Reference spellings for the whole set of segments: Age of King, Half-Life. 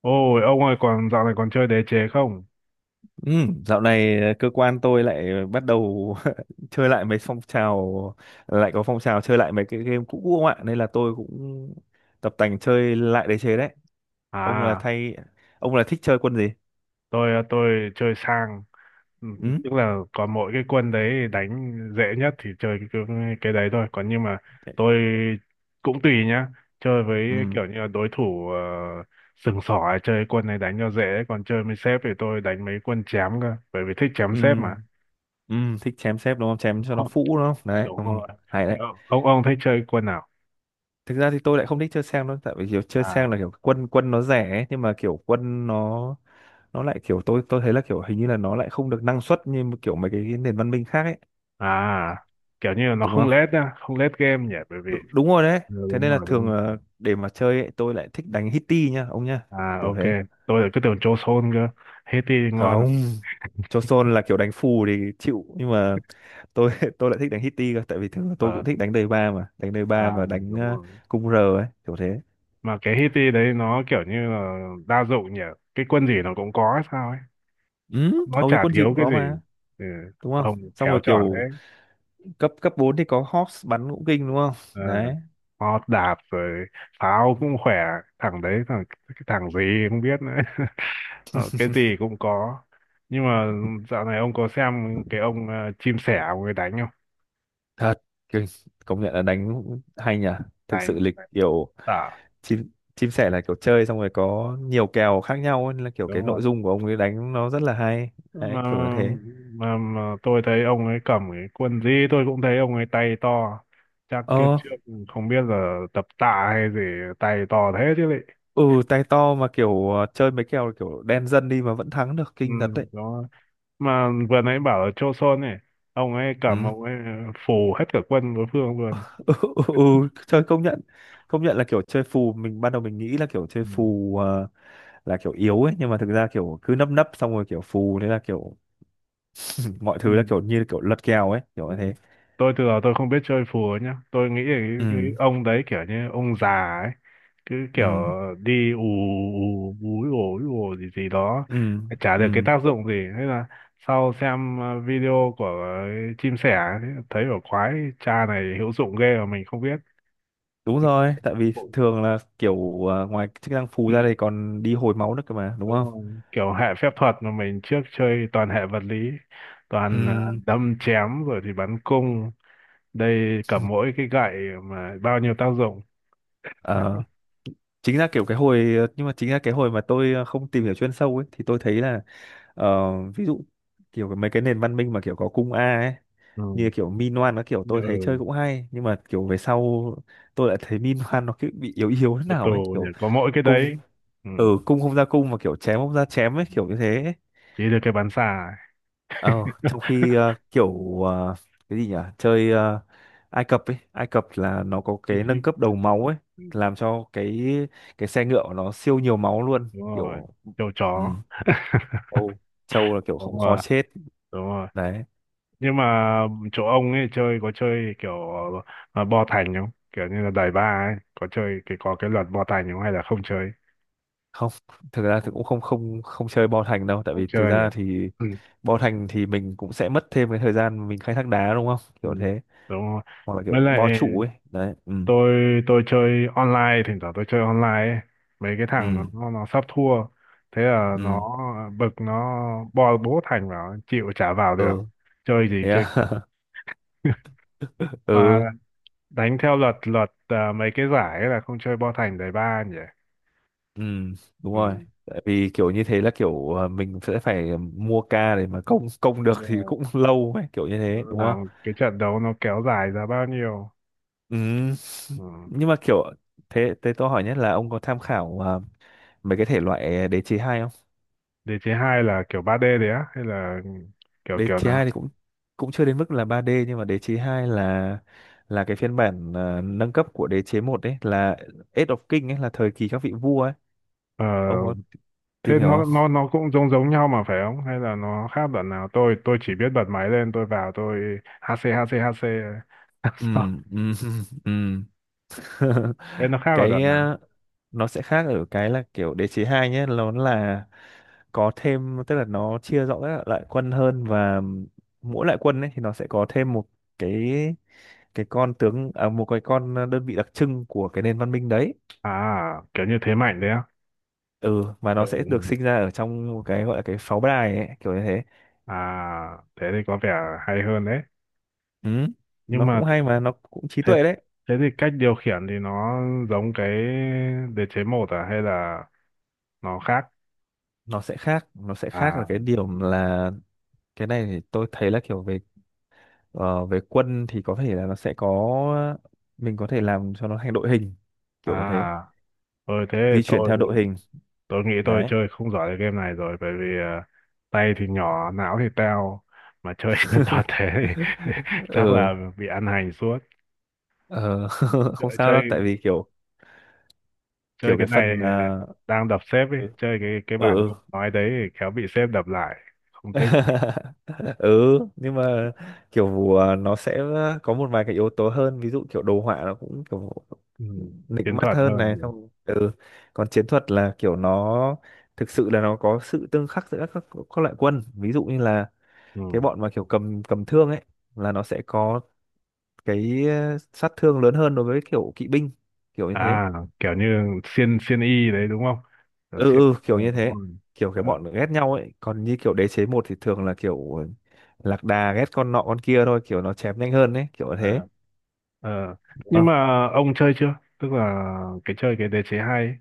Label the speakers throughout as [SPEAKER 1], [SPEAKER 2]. [SPEAKER 1] Ôi, ông ơi, còn dạo này còn chơi đế chế không?
[SPEAKER 2] Ừ, dạo này cơ quan tôi lại bắt đầu chơi lại mấy phong trào, lại có phong trào chơi lại mấy cái game cũ cũ không ạ, nên là tôi cũng tập tành chơi lại đế chế đấy. ông là
[SPEAKER 1] À,
[SPEAKER 2] thay ông là thích chơi quân gì?
[SPEAKER 1] tôi chơi sang. Ừ,
[SPEAKER 2] Ừ.
[SPEAKER 1] tức là có mỗi cái quân đấy đánh dễ nhất thì chơi cái đấy thôi. Còn nhưng mà
[SPEAKER 2] thế-
[SPEAKER 1] tôi cũng tùy nhá, chơi với
[SPEAKER 2] ừ.
[SPEAKER 1] kiểu như là đối thủ uh, sừng sỏ, chơi quân này đánh cho dễ. Còn chơi với sếp thì tôi đánh mấy quân chém cơ, bởi vì thích chém
[SPEAKER 2] Ừ,
[SPEAKER 1] sếp mà.
[SPEAKER 2] ừ. Thích chém xếp đúng không, chém cho nó phũ đúng không đấy. Ừ.
[SPEAKER 1] Đúng rồi.
[SPEAKER 2] Hay
[SPEAKER 1] Thế
[SPEAKER 2] đấy.
[SPEAKER 1] ông thích chơi quân nào?
[SPEAKER 2] Thực ra thì tôi lại không thích chơi sang đâu, tại vì kiểu chơi
[SPEAKER 1] À,
[SPEAKER 2] sang là kiểu quân quân nó rẻ ấy, nhưng mà kiểu quân nó lại kiểu tôi thấy là kiểu hình như là nó lại không được năng suất như kiểu mấy cái nền văn minh khác ấy,
[SPEAKER 1] à, kiểu như là nó
[SPEAKER 2] đúng
[SPEAKER 1] không
[SPEAKER 2] không?
[SPEAKER 1] lết nhá, không lết game nhỉ, bởi vì
[SPEAKER 2] Đúng rồi đấy.
[SPEAKER 1] Ừ,
[SPEAKER 2] Thế
[SPEAKER 1] đúng
[SPEAKER 2] nên là
[SPEAKER 1] rồi, đúng
[SPEAKER 2] thường
[SPEAKER 1] rồi.
[SPEAKER 2] là để mà chơi ấy, tôi lại thích đánh hitty nhá ông nhá,
[SPEAKER 1] À,
[SPEAKER 2] kiểu
[SPEAKER 1] ok.
[SPEAKER 2] thế.
[SPEAKER 1] Tôi lại cứ tưởng Joe Son cơ. Haiti ngon à?
[SPEAKER 2] Không, cho là kiểu đánh phù thì chịu, nhưng mà tôi tôi lại thích đánh hitty cơ, tại vì thường là tôi
[SPEAKER 1] Ờ,
[SPEAKER 2] cũng thích đánh đời ba, mà đánh đời ba
[SPEAKER 1] à,
[SPEAKER 2] và đánh
[SPEAKER 1] đúng rồi,
[SPEAKER 2] cung r ấy, kiểu thế.
[SPEAKER 1] mà cái Haiti đấy nó kiểu như là đa dụng nhỉ, cái quân gì nó cũng có hay sao ấy,
[SPEAKER 2] Ừ,
[SPEAKER 1] nó
[SPEAKER 2] hầu như
[SPEAKER 1] chả
[SPEAKER 2] quân gì
[SPEAKER 1] thiếu
[SPEAKER 2] cũng
[SPEAKER 1] cái
[SPEAKER 2] có
[SPEAKER 1] gì.
[SPEAKER 2] mà,
[SPEAKER 1] Ừ.
[SPEAKER 2] đúng không?
[SPEAKER 1] Ông
[SPEAKER 2] Xong
[SPEAKER 1] khéo
[SPEAKER 2] rồi
[SPEAKER 1] chọn thế.
[SPEAKER 2] kiểu cấp cấp 4 thì có Hawks bắn cũng kinh, đúng không?
[SPEAKER 1] Ờ,
[SPEAKER 2] Đấy.
[SPEAKER 1] họ đạp rồi, pháo cũng khỏe. Thằng đấy thằng cái thằng gì không biết nữa. Ờ, cái gì cũng có, nhưng mà dạo này ông có xem cái ông chim sẻ ông ấy đánh không?
[SPEAKER 2] Thật kinh. Công nhận là đánh hay nhỉ, thực
[SPEAKER 1] đánh
[SPEAKER 2] sự lịch
[SPEAKER 1] Đánh.
[SPEAKER 2] kiểu.
[SPEAKER 1] À,
[SPEAKER 2] Chim chim sẻ là kiểu chơi xong rồi có nhiều kèo khác nhau ấy, nên là kiểu cái
[SPEAKER 1] đúng rồi,
[SPEAKER 2] nội dung của ông ấy đánh nó rất là hay. Đấy,
[SPEAKER 1] mà
[SPEAKER 2] kiểu như thế.
[SPEAKER 1] mà tôi thấy ông ấy cầm cái quần gì tôi cũng thấy ông ấy tay to, chắc kiếp
[SPEAKER 2] Ờ.
[SPEAKER 1] trước không biết là tập tạ hay gì, tay to thế chứ lị.
[SPEAKER 2] Ừ, tay to mà kiểu chơi mấy kèo kiểu đen dân đi mà vẫn thắng được,
[SPEAKER 1] Ừ.
[SPEAKER 2] kinh thật đấy.
[SPEAKER 1] Đó. Mà vừa nãy bảo là Chô Sôn này, ông ấy cầm
[SPEAKER 2] Ừ.
[SPEAKER 1] ông ấy phủ hết cả quân đối phương luôn.
[SPEAKER 2] Ừ, ừ, ừ, chơi công nhận. Công nhận là kiểu chơi phù, mình ban đầu mình nghĩ là kiểu chơi
[SPEAKER 1] Ừ.
[SPEAKER 2] phù là kiểu yếu ấy, nhưng mà thực ra kiểu cứ nấp nấp xong rồi kiểu phù, thế là kiểu mọi
[SPEAKER 1] Ừ.
[SPEAKER 2] thứ là kiểu như kiểu lật kèo ấy, kiểu
[SPEAKER 1] Ừ.
[SPEAKER 2] như thế.
[SPEAKER 1] Tôi từ đó tôi không biết chơi phùa nhá, tôi nghĩ là cái
[SPEAKER 2] Ừ.
[SPEAKER 1] ông đấy kiểu như ông già ấy, cứ kiểu
[SPEAKER 2] Ừ.
[SPEAKER 1] đi ù ù úi ồ gì gì đó,
[SPEAKER 2] Ừ.
[SPEAKER 1] chả
[SPEAKER 2] Ừ.
[SPEAKER 1] được cái tác dụng gì. Thế là sau xem video của chim sẻ ấy, thấy ở khoái, cha này hữu dụng ghê mà mình không biết.
[SPEAKER 2] Đúng rồi, tại vì
[SPEAKER 1] Ồ.
[SPEAKER 2] thường là kiểu ngoài chức năng phù
[SPEAKER 1] Ừ.
[SPEAKER 2] ra đây còn đi hồi máu nữa cơ mà, đúng
[SPEAKER 1] Đúng
[SPEAKER 2] không?
[SPEAKER 1] không? Kiểu hệ phép thuật mà mình trước chơi toàn hệ vật lý, toàn
[SPEAKER 2] Ừm.
[SPEAKER 1] đâm chém rồi thì bắn cung, đây cầm mỗi cái gậy mà bao nhiêu tác dụng.
[SPEAKER 2] Ờ, chính ra kiểu cái hồi nhưng mà chính ra cái hồi mà tôi không tìm hiểu chuyên sâu ấy, thì tôi thấy là ờ, ví dụ kiểu mấy cái nền văn minh mà kiểu có cung A ấy,
[SPEAKER 1] Ừ.
[SPEAKER 2] như kiểu Minoan nó kiểu tôi thấy chơi
[SPEAKER 1] Ừ.
[SPEAKER 2] cũng hay, nhưng mà kiểu về sau tôi lại thấy Minoan nó cứ bị yếu yếu thế
[SPEAKER 1] Ô tô
[SPEAKER 2] nào ấy,
[SPEAKER 1] nhỉ,
[SPEAKER 2] kiểu
[SPEAKER 1] có mỗi cái
[SPEAKER 2] cung.
[SPEAKER 1] đấy. Ừ,
[SPEAKER 2] Ừ, cung không ra cung mà kiểu chém không ra chém ấy, kiểu như thế.
[SPEAKER 1] chỉ được cái bán xà ấy.
[SPEAKER 2] Ờ, trong khi cái gì nhỉ, chơi Ai Cập ấy. Ai Cập là nó có
[SPEAKER 1] Ý
[SPEAKER 2] cái nâng
[SPEAKER 1] chí-
[SPEAKER 2] cấp đầu máu ấy, làm cho cái xe ngựa của nó siêu nhiều máu luôn,
[SPEAKER 1] Đúng rồi.
[SPEAKER 2] kiểu.
[SPEAKER 1] Châu
[SPEAKER 2] Ừ,
[SPEAKER 1] chó.
[SPEAKER 2] châu châu là kiểu cũng
[SPEAKER 1] Đúng
[SPEAKER 2] khó
[SPEAKER 1] rồi,
[SPEAKER 2] chết.
[SPEAKER 1] đúng rồi.
[SPEAKER 2] Đấy.
[SPEAKER 1] Nhưng mà chỗ ông ấy chơi có chơi kiểu bo thành không, kiểu như là đẩy ba ấy, có chơi cái có cái luật bo thành không hay là không chơi?
[SPEAKER 2] Không, thực ra thì
[SPEAKER 1] Không,
[SPEAKER 2] cũng không, không, không chơi Bo Thành đâu, tại
[SPEAKER 1] không
[SPEAKER 2] vì thực
[SPEAKER 1] chơi nhỉ.
[SPEAKER 2] ra thì
[SPEAKER 1] Ừ.
[SPEAKER 2] Bo Thành thì mình cũng sẽ mất thêm cái thời gian mình khai thác đá, đúng không,
[SPEAKER 1] Ừ.
[SPEAKER 2] kiểu thế?
[SPEAKER 1] Đúng rồi.
[SPEAKER 2] Hoặc là
[SPEAKER 1] Với
[SPEAKER 2] kiểu
[SPEAKER 1] lại
[SPEAKER 2] bo trụ ấy. Đấy. Ừ.
[SPEAKER 1] tôi chơi online, thỉnh thoảng tôi chơi online ấy. Mấy cái thằng
[SPEAKER 2] Ừ.
[SPEAKER 1] nó sắp thua, thế là nó
[SPEAKER 2] Ừ.
[SPEAKER 1] bực, nó bo bố thành vào chịu trả vào được,
[SPEAKER 2] Ừ.
[SPEAKER 1] chơi gì
[SPEAKER 2] Thế
[SPEAKER 1] chơi.
[SPEAKER 2] à?
[SPEAKER 1] Mà
[SPEAKER 2] Ừ.
[SPEAKER 1] đánh theo luật luật à, mấy cái giải ấy là không chơi bo thành đầy ba nhỉ?
[SPEAKER 2] Ừ, đúng rồi.
[SPEAKER 1] Ừ.
[SPEAKER 2] Tại vì kiểu như thế là kiểu mình sẽ phải mua ca để mà công công được
[SPEAKER 1] Đúng
[SPEAKER 2] thì
[SPEAKER 1] rồi.
[SPEAKER 2] cũng lâu ấy, kiểu như thế, đúng không?
[SPEAKER 1] Làm cái trận đấu nó kéo dài ra bao nhiêu.
[SPEAKER 2] Ừ.
[SPEAKER 1] Ừ.
[SPEAKER 2] Nhưng mà kiểu thế thế tôi hỏi nhất là ông có tham khảo mấy cái thể loại đế chế hai không?
[SPEAKER 1] Đế chế hai là kiểu 3D đấy á, hay là kiểu
[SPEAKER 2] Đế
[SPEAKER 1] kiểu
[SPEAKER 2] chế
[SPEAKER 1] nào?
[SPEAKER 2] 2 thì cũng cũng chưa đến mức là 3D, nhưng mà đế chế 2 là cái phiên bản nâng cấp của đế chế một ấy, là Age of King ấy, là thời kỳ các vị vua ấy.
[SPEAKER 1] Ờ,
[SPEAKER 2] Ông có tìm
[SPEAKER 1] thế
[SPEAKER 2] hiểu không?
[SPEAKER 1] nó cũng giống giống nhau mà phải không? Hay là nó khác đoạn nào? Tôi chỉ biết bật máy lên, tôi vào tôi HC HC HC.
[SPEAKER 2] Ừ,
[SPEAKER 1] Sao?
[SPEAKER 2] ừ, ừ.
[SPEAKER 1] Thế nó khác ở
[SPEAKER 2] cái
[SPEAKER 1] đoạn nào?
[SPEAKER 2] ờ, nó sẽ khác ở cái là kiểu đế chế 2 nhé, nó là có thêm, tức là nó chia rõ các loại quân hơn, và mỗi loại quân ấy thì nó sẽ có thêm một cái cái con tướng, à, một cái con đơn vị đặc trưng của cái nền văn minh đấy.
[SPEAKER 1] À, kiểu như thế mạnh đấy á.
[SPEAKER 2] Ừ, mà
[SPEAKER 1] Ừ.
[SPEAKER 2] nó sẽ được
[SPEAKER 1] Ừ.
[SPEAKER 2] sinh ra ở trong một cái gọi là cái pháo đài ấy, kiểu như thế.
[SPEAKER 1] À, thế thì có vẻ hay hơn đấy.
[SPEAKER 2] Ừ,
[SPEAKER 1] Nhưng
[SPEAKER 2] nó
[SPEAKER 1] mà
[SPEAKER 2] cũng hay mà nó cũng trí
[SPEAKER 1] thế
[SPEAKER 2] tuệ đấy.
[SPEAKER 1] thế thì cách điều khiển thì nó giống cái đế chế một à, hay là nó khác?
[SPEAKER 2] Nó sẽ khác
[SPEAKER 1] À
[SPEAKER 2] ở cái điểm là cái này thì tôi thấy là kiểu về. Ờ, về quân thì có thể là nó sẽ có, mình có thể làm cho nó thành đội hình, kiểu như thế,
[SPEAKER 1] à, ơi thế
[SPEAKER 2] di chuyển
[SPEAKER 1] tôi
[SPEAKER 2] theo đội hình.
[SPEAKER 1] Tôi nghĩ tôi
[SPEAKER 2] Đấy.
[SPEAKER 1] chơi không giỏi cái game này rồi, bởi vì tay thì nhỏ, não thì teo, mà chơi trên toàn thế thì chắc
[SPEAKER 2] Ừ.
[SPEAKER 1] là bị ăn hành suốt.
[SPEAKER 2] Ờ, không
[SPEAKER 1] Chơi
[SPEAKER 2] sao
[SPEAKER 1] chơi
[SPEAKER 2] đâu, tại vì kiểu
[SPEAKER 1] chơi
[SPEAKER 2] kiểu
[SPEAKER 1] cái
[SPEAKER 2] cái
[SPEAKER 1] này,
[SPEAKER 2] phần
[SPEAKER 1] đang đập sếp ấy,
[SPEAKER 2] ừ,
[SPEAKER 1] chơi cái
[SPEAKER 2] ừ,
[SPEAKER 1] bản
[SPEAKER 2] ừ.
[SPEAKER 1] ông nói đấy thì khéo bị sếp đập lại, không thích.
[SPEAKER 2] Ừ, nhưng mà kiểu nó sẽ có một vài cái yếu tố hơn, ví dụ kiểu đồ họa nó cũng kiểu
[SPEAKER 1] Ừ.
[SPEAKER 2] nịnh
[SPEAKER 1] Chiến
[SPEAKER 2] mắt
[SPEAKER 1] thuật
[SPEAKER 2] hơn
[SPEAKER 1] hơn
[SPEAKER 2] này,
[SPEAKER 1] nhỉ.
[SPEAKER 2] xong. Ừ. Còn chiến thuật là kiểu nó thực sự là nó có sự tương khắc giữa các loại quân, ví dụ như là cái
[SPEAKER 1] Ừ.
[SPEAKER 2] bọn mà kiểu cầm cầm thương ấy là nó sẽ có cái sát thương lớn hơn đối với kiểu kỵ binh, kiểu như thế.
[SPEAKER 1] À, kiểu như xiên xiên y đấy đúng không? Kiểu
[SPEAKER 2] Ừ,
[SPEAKER 1] xiên
[SPEAKER 2] ừ, kiểu như
[SPEAKER 1] đúng
[SPEAKER 2] thế.
[SPEAKER 1] rồi.
[SPEAKER 2] Kiểu
[SPEAKER 1] Ờ,
[SPEAKER 2] cái bọn ghét nhau ấy, còn như kiểu đế chế một thì thường là kiểu lạc đà ghét con nọ con kia thôi, kiểu nó chém nhanh hơn ấy, kiểu thế,
[SPEAKER 1] ờ, ờ.
[SPEAKER 2] đúng
[SPEAKER 1] Nhưng
[SPEAKER 2] không?
[SPEAKER 1] mà ông chơi chưa? Tức là cái chơi cái đế chế hay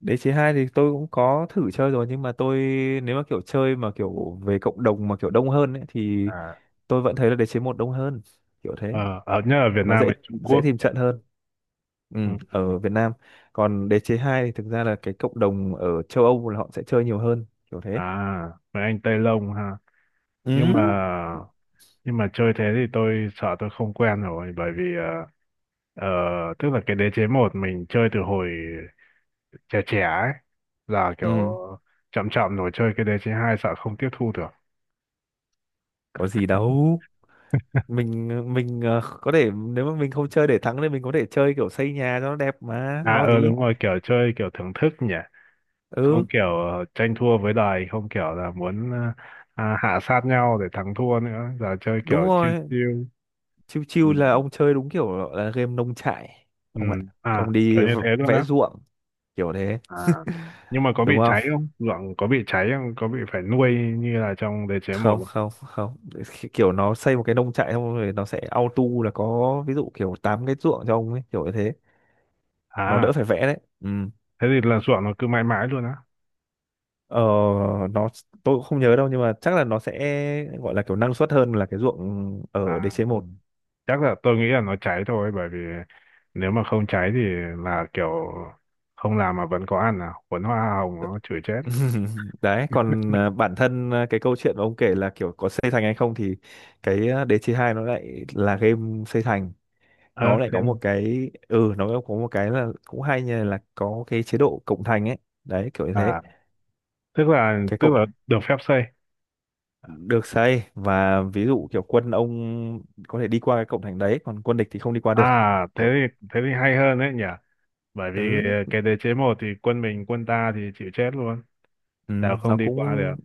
[SPEAKER 2] Đế chế hai thì tôi cũng có thử chơi rồi, nhưng mà tôi, nếu mà kiểu chơi mà kiểu về cộng đồng mà kiểu đông hơn ấy thì
[SPEAKER 1] ấy.
[SPEAKER 2] tôi vẫn thấy là đế chế một đông hơn, kiểu thế.
[SPEAKER 1] Ờ, ở nhớ ở Việt
[SPEAKER 2] Nó
[SPEAKER 1] Nam
[SPEAKER 2] dễ
[SPEAKER 1] hay Trung
[SPEAKER 2] dễ
[SPEAKER 1] Quốc
[SPEAKER 2] tìm
[SPEAKER 1] nhỉ?
[SPEAKER 2] trận hơn. Ừ,
[SPEAKER 1] Ừ. Ừ, ừ.
[SPEAKER 2] ở Việt Nam. Còn đế chế 2 thì thực ra là cái cộng đồng ở châu Âu là họ sẽ chơi nhiều hơn, kiểu thế.
[SPEAKER 1] À, mấy anh Tây Lông ha. Nhưng mà
[SPEAKER 2] Ừ.
[SPEAKER 1] nhưng mà chơi thế thì tôi sợ tôi không quen rồi, bởi vì ờ, tức là cái đế chế một mình chơi từ hồi trẻ trẻ ấy, là kiểu
[SPEAKER 2] Ừ,
[SPEAKER 1] chậm chậm rồi chơi cái đế chế hai sợ không tiếp thu được.
[SPEAKER 2] có gì đâu, mình mình có thể, nếu mà mình không chơi để thắng thì mình có thể chơi kiểu xây nhà cho nó đẹp mà
[SPEAKER 1] À,
[SPEAKER 2] lo
[SPEAKER 1] ờ,
[SPEAKER 2] gì.
[SPEAKER 1] đúng rồi, kiểu chơi kiểu thưởng thức nhỉ.
[SPEAKER 2] Ừ,
[SPEAKER 1] Không kiểu tranh thua với đời, không kiểu là muốn hạ sát nhau để thắng thua nữa, giờ chơi
[SPEAKER 2] đúng
[SPEAKER 1] kiểu chill
[SPEAKER 2] rồi.
[SPEAKER 1] chill.
[SPEAKER 2] Chiêu
[SPEAKER 1] Ừ.
[SPEAKER 2] chiêu là ông chơi đúng kiểu là game nông trại
[SPEAKER 1] Ừ,
[SPEAKER 2] ông ạ.
[SPEAKER 1] à,
[SPEAKER 2] Ông đi
[SPEAKER 1] kiểu như thế luôn
[SPEAKER 2] vẽ
[SPEAKER 1] á.
[SPEAKER 2] ruộng, kiểu thế,
[SPEAKER 1] À, nhưng mà có bị
[SPEAKER 2] đúng không?
[SPEAKER 1] cháy không, ruộng có bị cháy không, có bị phải nuôi như là trong đế chế một
[SPEAKER 2] Không,
[SPEAKER 1] không?
[SPEAKER 2] không, không, kiểu nó xây một cái nông trại xong rồi nó sẽ auto là có ví dụ kiểu tám cái ruộng cho ông ấy, kiểu như thế. Nó đỡ
[SPEAKER 1] À,
[SPEAKER 2] phải vẽ đấy. Ừ.
[SPEAKER 1] thế thì là ruộng nó cứ mãi mãi luôn á.
[SPEAKER 2] Ờ, nó, tôi cũng không nhớ đâu, nhưng mà chắc là nó sẽ gọi là kiểu năng suất hơn là cái ruộng ở
[SPEAKER 1] À,
[SPEAKER 2] DC
[SPEAKER 1] ừ.
[SPEAKER 2] một.
[SPEAKER 1] Chắc là tôi nghĩ là nó cháy thôi, bởi vì nếu mà không cháy thì là kiểu không làm mà vẫn có ăn à, cuốn hoa hồng nó chửi chết.
[SPEAKER 2] Đấy, còn bản thân cái câu chuyện mà ông kể là kiểu có xây thành hay không thì cái DC 2 nó lại là game xây thành.
[SPEAKER 1] Ờ,
[SPEAKER 2] Nó lại
[SPEAKER 1] thế
[SPEAKER 2] có một cái, ừ, nó có một cái là cũng hay, như là có cái chế độ cộng thành ấy. Đấy, kiểu như thế.
[SPEAKER 1] à, tức là
[SPEAKER 2] Cái cộng
[SPEAKER 1] được phép xây.
[SPEAKER 2] Được xây, và ví dụ kiểu quân ông có thể đi qua cái cộng thành đấy, còn quân địch thì không đi qua được.
[SPEAKER 1] À, thế
[SPEAKER 2] Kiểu.
[SPEAKER 1] thì thế thì hay hơn đấy nhỉ, bởi vì
[SPEAKER 2] Ừ,
[SPEAKER 1] cái đế chế một thì quân mình quân ta thì chịu chết luôn.
[SPEAKER 2] ừ,
[SPEAKER 1] Dạ
[SPEAKER 2] nó
[SPEAKER 1] không đi qua được.
[SPEAKER 2] cũng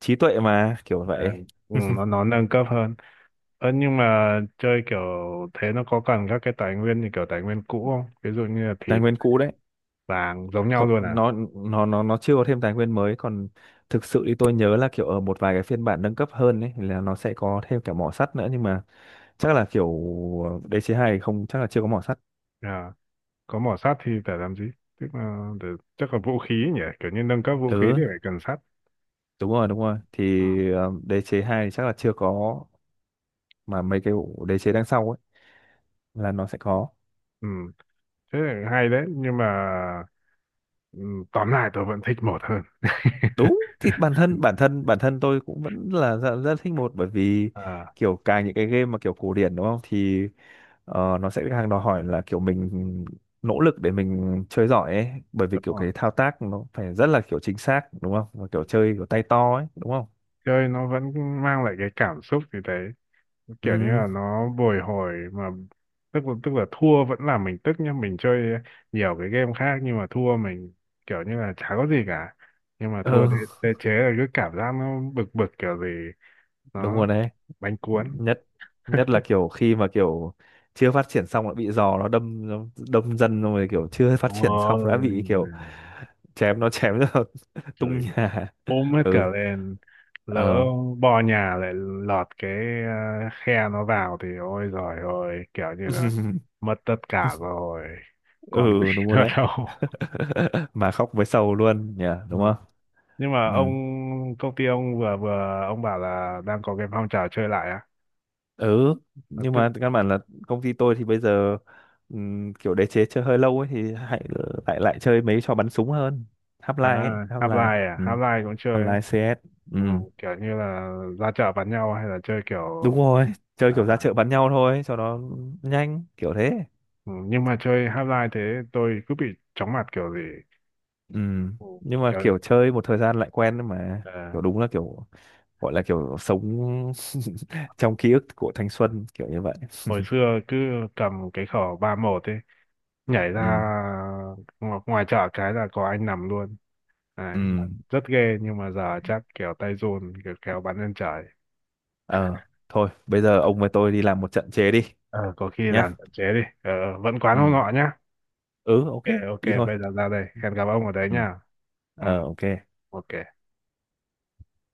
[SPEAKER 2] trí tuệ mà, kiểu
[SPEAKER 1] Ờ,
[SPEAKER 2] vậy.
[SPEAKER 1] ừ, nó nó nâng cấp hơn. Ờ, nhưng mà chơi kiểu thế nó có cần các cái tài nguyên như kiểu tài nguyên cũ không, ví dụ như là
[SPEAKER 2] Tài
[SPEAKER 1] thịt
[SPEAKER 2] nguyên cũ đấy.
[SPEAKER 1] vàng giống nhau
[SPEAKER 2] Không,
[SPEAKER 1] luôn à?
[SPEAKER 2] nó chưa có thêm tài nguyên mới. Còn thực sự thì tôi nhớ là kiểu ở một vài cái phiên bản nâng cấp hơn ấy là nó sẽ có thêm cả mỏ sắt nữa, nhưng mà chắc là kiểu đế chế 2 không, chắc là chưa có mỏ sắt.
[SPEAKER 1] Ờ, có mỏ sắt thì phải làm gì, tức là để, chắc là vũ khí nhỉ, kiểu như nâng cấp vũ khí thì
[SPEAKER 2] Ừ,
[SPEAKER 1] phải cần sắt.
[SPEAKER 2] đúng rồi, đúng rồi thì
[SPEAKER 1] Ờ.
[SPEAKER 2] đế chế 2 thì chắc là chưa có, mà mấy cái đế chế đằng sau ấy là nó sẽ có.
[SPEAKER 1] Ừ, thế là hay đấy, nhưng mà ừ, tóm lại tôi vẫn thích một hơn.
[SPEAKER 2] Đúng, thì bản thân tôi cũng vẫn là rất, rất thích một, bởi vì
[SPEAKER 1] À,
[SPEAKER 2] kiểu càng những cái game mà kiểu cổ điển, đúng không, thì nó sẽ càng đòi hỏi là kiểu mình nỗ lực để mình chơi giỏi ấy, bởi vì
[SPEAKER 1] đúng
[SPEAKER 2] kiểu
[SPEAKER 1] rồi,
[SPEAKER 2] cái thao tác nó phải rất là kiểu chính xác, đúng không, và kiểu chơi kiểu tay to ấy, đúng không?
[SPEAKER 1] chơi nó vẫn mang lại cái cảm xúc như thế, kiểu như
[SPEAKER 2] Ừ.
[SPEAKER 1] là nó bồi hồi mà. Tức là thua vẫn làm mình tức nhá, mình chơi nhiều cái game khác nhưng mà thua mình kiểu như là chả có gì cả, nhưng mà
[SPEAKER 2] Ừ,
[SPEAKER 1] thua đế chế là cứ cảm giác nó bực bực kiểu gì,
[SPEAKER 2] đúng
[SPEAKER 1] nó
[SPEAKER 2] rồi đấy.
[SPEAKER 1] bánh cuốn.
[SPEAKER 2] Nhất Nhất là kiểu khi mà kiểu chưa phát triển xong đã bị giò nó đâm, nó đâm dân, xong rồi kiểu chưa phát triển xong đã bị kiểu
[SPEAKER 1] Ôi,
[SPEAKER 2] chém, nó chém nó tung
[SPEAKER 1] chửi
[SPEAKER 2] nhà.
[SPEAKER 1] ôm hết cả
[SPEAKER 2] Ừ.
[SPEAKER 1] lên, lỡ
[SPEAKER 2] Ờ.
[SPEAKER 1] bò nhà lại lọt cái ờ, khe nó vào thì ôi giời ơi, kiểu như là mất tất cả rồi, còn gì
[SPEAKER 2] Ừ, đúng rồi
[SPEAKER 1] nữa
[SPEAKER 2] đấy.
[SPEAKER 1] đâu.
[SPEAKER 2] Mà khóc với sầu luôn nhỉ,
[SPEAKER 1] Ừ.
[SPEAKER 2] đúng không?
[SPEAKER 1] Nhưng mà
[SPEAKER 2] Ừ.
[SPEAKER 1] ông công ty ông vừa vừa ông bảo là đang có cái phong trào chơi lại á.
[SPEAKER 2] Ừ,
[SPEAKER 1] Lập
[SPEAKER 2] nhưng
[SPEAKER 1] tức.
[SPEAKER 2] mà căn bản là công ty tôi thì bây giờ kiểu đế chế chơi hơi lâu ấy, thì hãy lại lại chơi mấy trò bắn súng hơn.
[SPEAKER 1] À,
[SPEAKER 2] Half-Life ấy,
[SPEAKER 1] Half-Life?
[SPEAKER 2] Half-Life.
[SPEAKER 1] À,
[SPEAKER 2] Ừ.
[SPEAKER 1] Half-Life cũng chơi á?
[SPEAKER 2] Half-Life, CS. Ừ.
[SPEAKER 1] Ừ, kiểu như là ra chợ bắn nhau hay là chơi
[SPEAKER 2] Đúng
[SPEAKER 1] kiểu
[SPEAKER 2] rồi, chơi kiểu ra
[SPEAKER 1] à,
[SPEAKER 2] chợ bắn nhau thôi cho nó nhanh, kiểu thế.
[SPEAKER 1] ừ, nhưng mà chơi Half-Life thế tôi cứ bị chóng mặt kiểu gì.
[SPEAKER 2] Ừ.
[SPEAKER 1] Ừ,
[SPEAKER 2] Nhưng mà
[SPEAKER 1] kiểu
[SPEAKER 2] kiểu chơi một thời gian lại quen mà,
[SPEAKER 1] à,
[SPEAKER 2] kiểu đúng là kiểu, gọi là kiểu sống trong ký ức của thanh xuân kiểu như vậy.
[SPEAKER 1] hồi xưa cứ cầm cái khẩu ba một ấy, nhảy
[SPEAKER 2] Ừ.
[SPEAKER 1] ra ngoài chợ cái là có anh nằm luôn
[SPEAKER 2] Ừ.
[SPEAKER 1] đấy mà, rất ghê, nhưng mà giờ chắc kiểu tay run kiểu kéo bắn lên trời.
[SPEAKER 2] Ờ, thôi bây giờ
[SPEAKER 1] À,
[SPEAKER 2] ông với tôi đi làm một trận chế đi
[SPEAKER 1] ờ, có khi làm
[SPEAKER 2] nhá.
[SPEAKER 1] tận chế đi. Ờ, vẫn quán
[SPEAKER 2] Ừ.
[SPEAKER 1] hông ngọ nhá.
[SPEAKER 2] Ừ, ok.
[SPEAKER 1] Ok, ok,
[SPEAKER 2] Đi thôi.
[SPEAKER 1] bây giờ ra đây. Hẹn gặp ông ở đấy
[SPEAKER 2] Ừ.
[SPEAKER 1] nhá. Ừ,
[SPEAKER 2] Ờ, ok.
[SPEAKER 1] ok.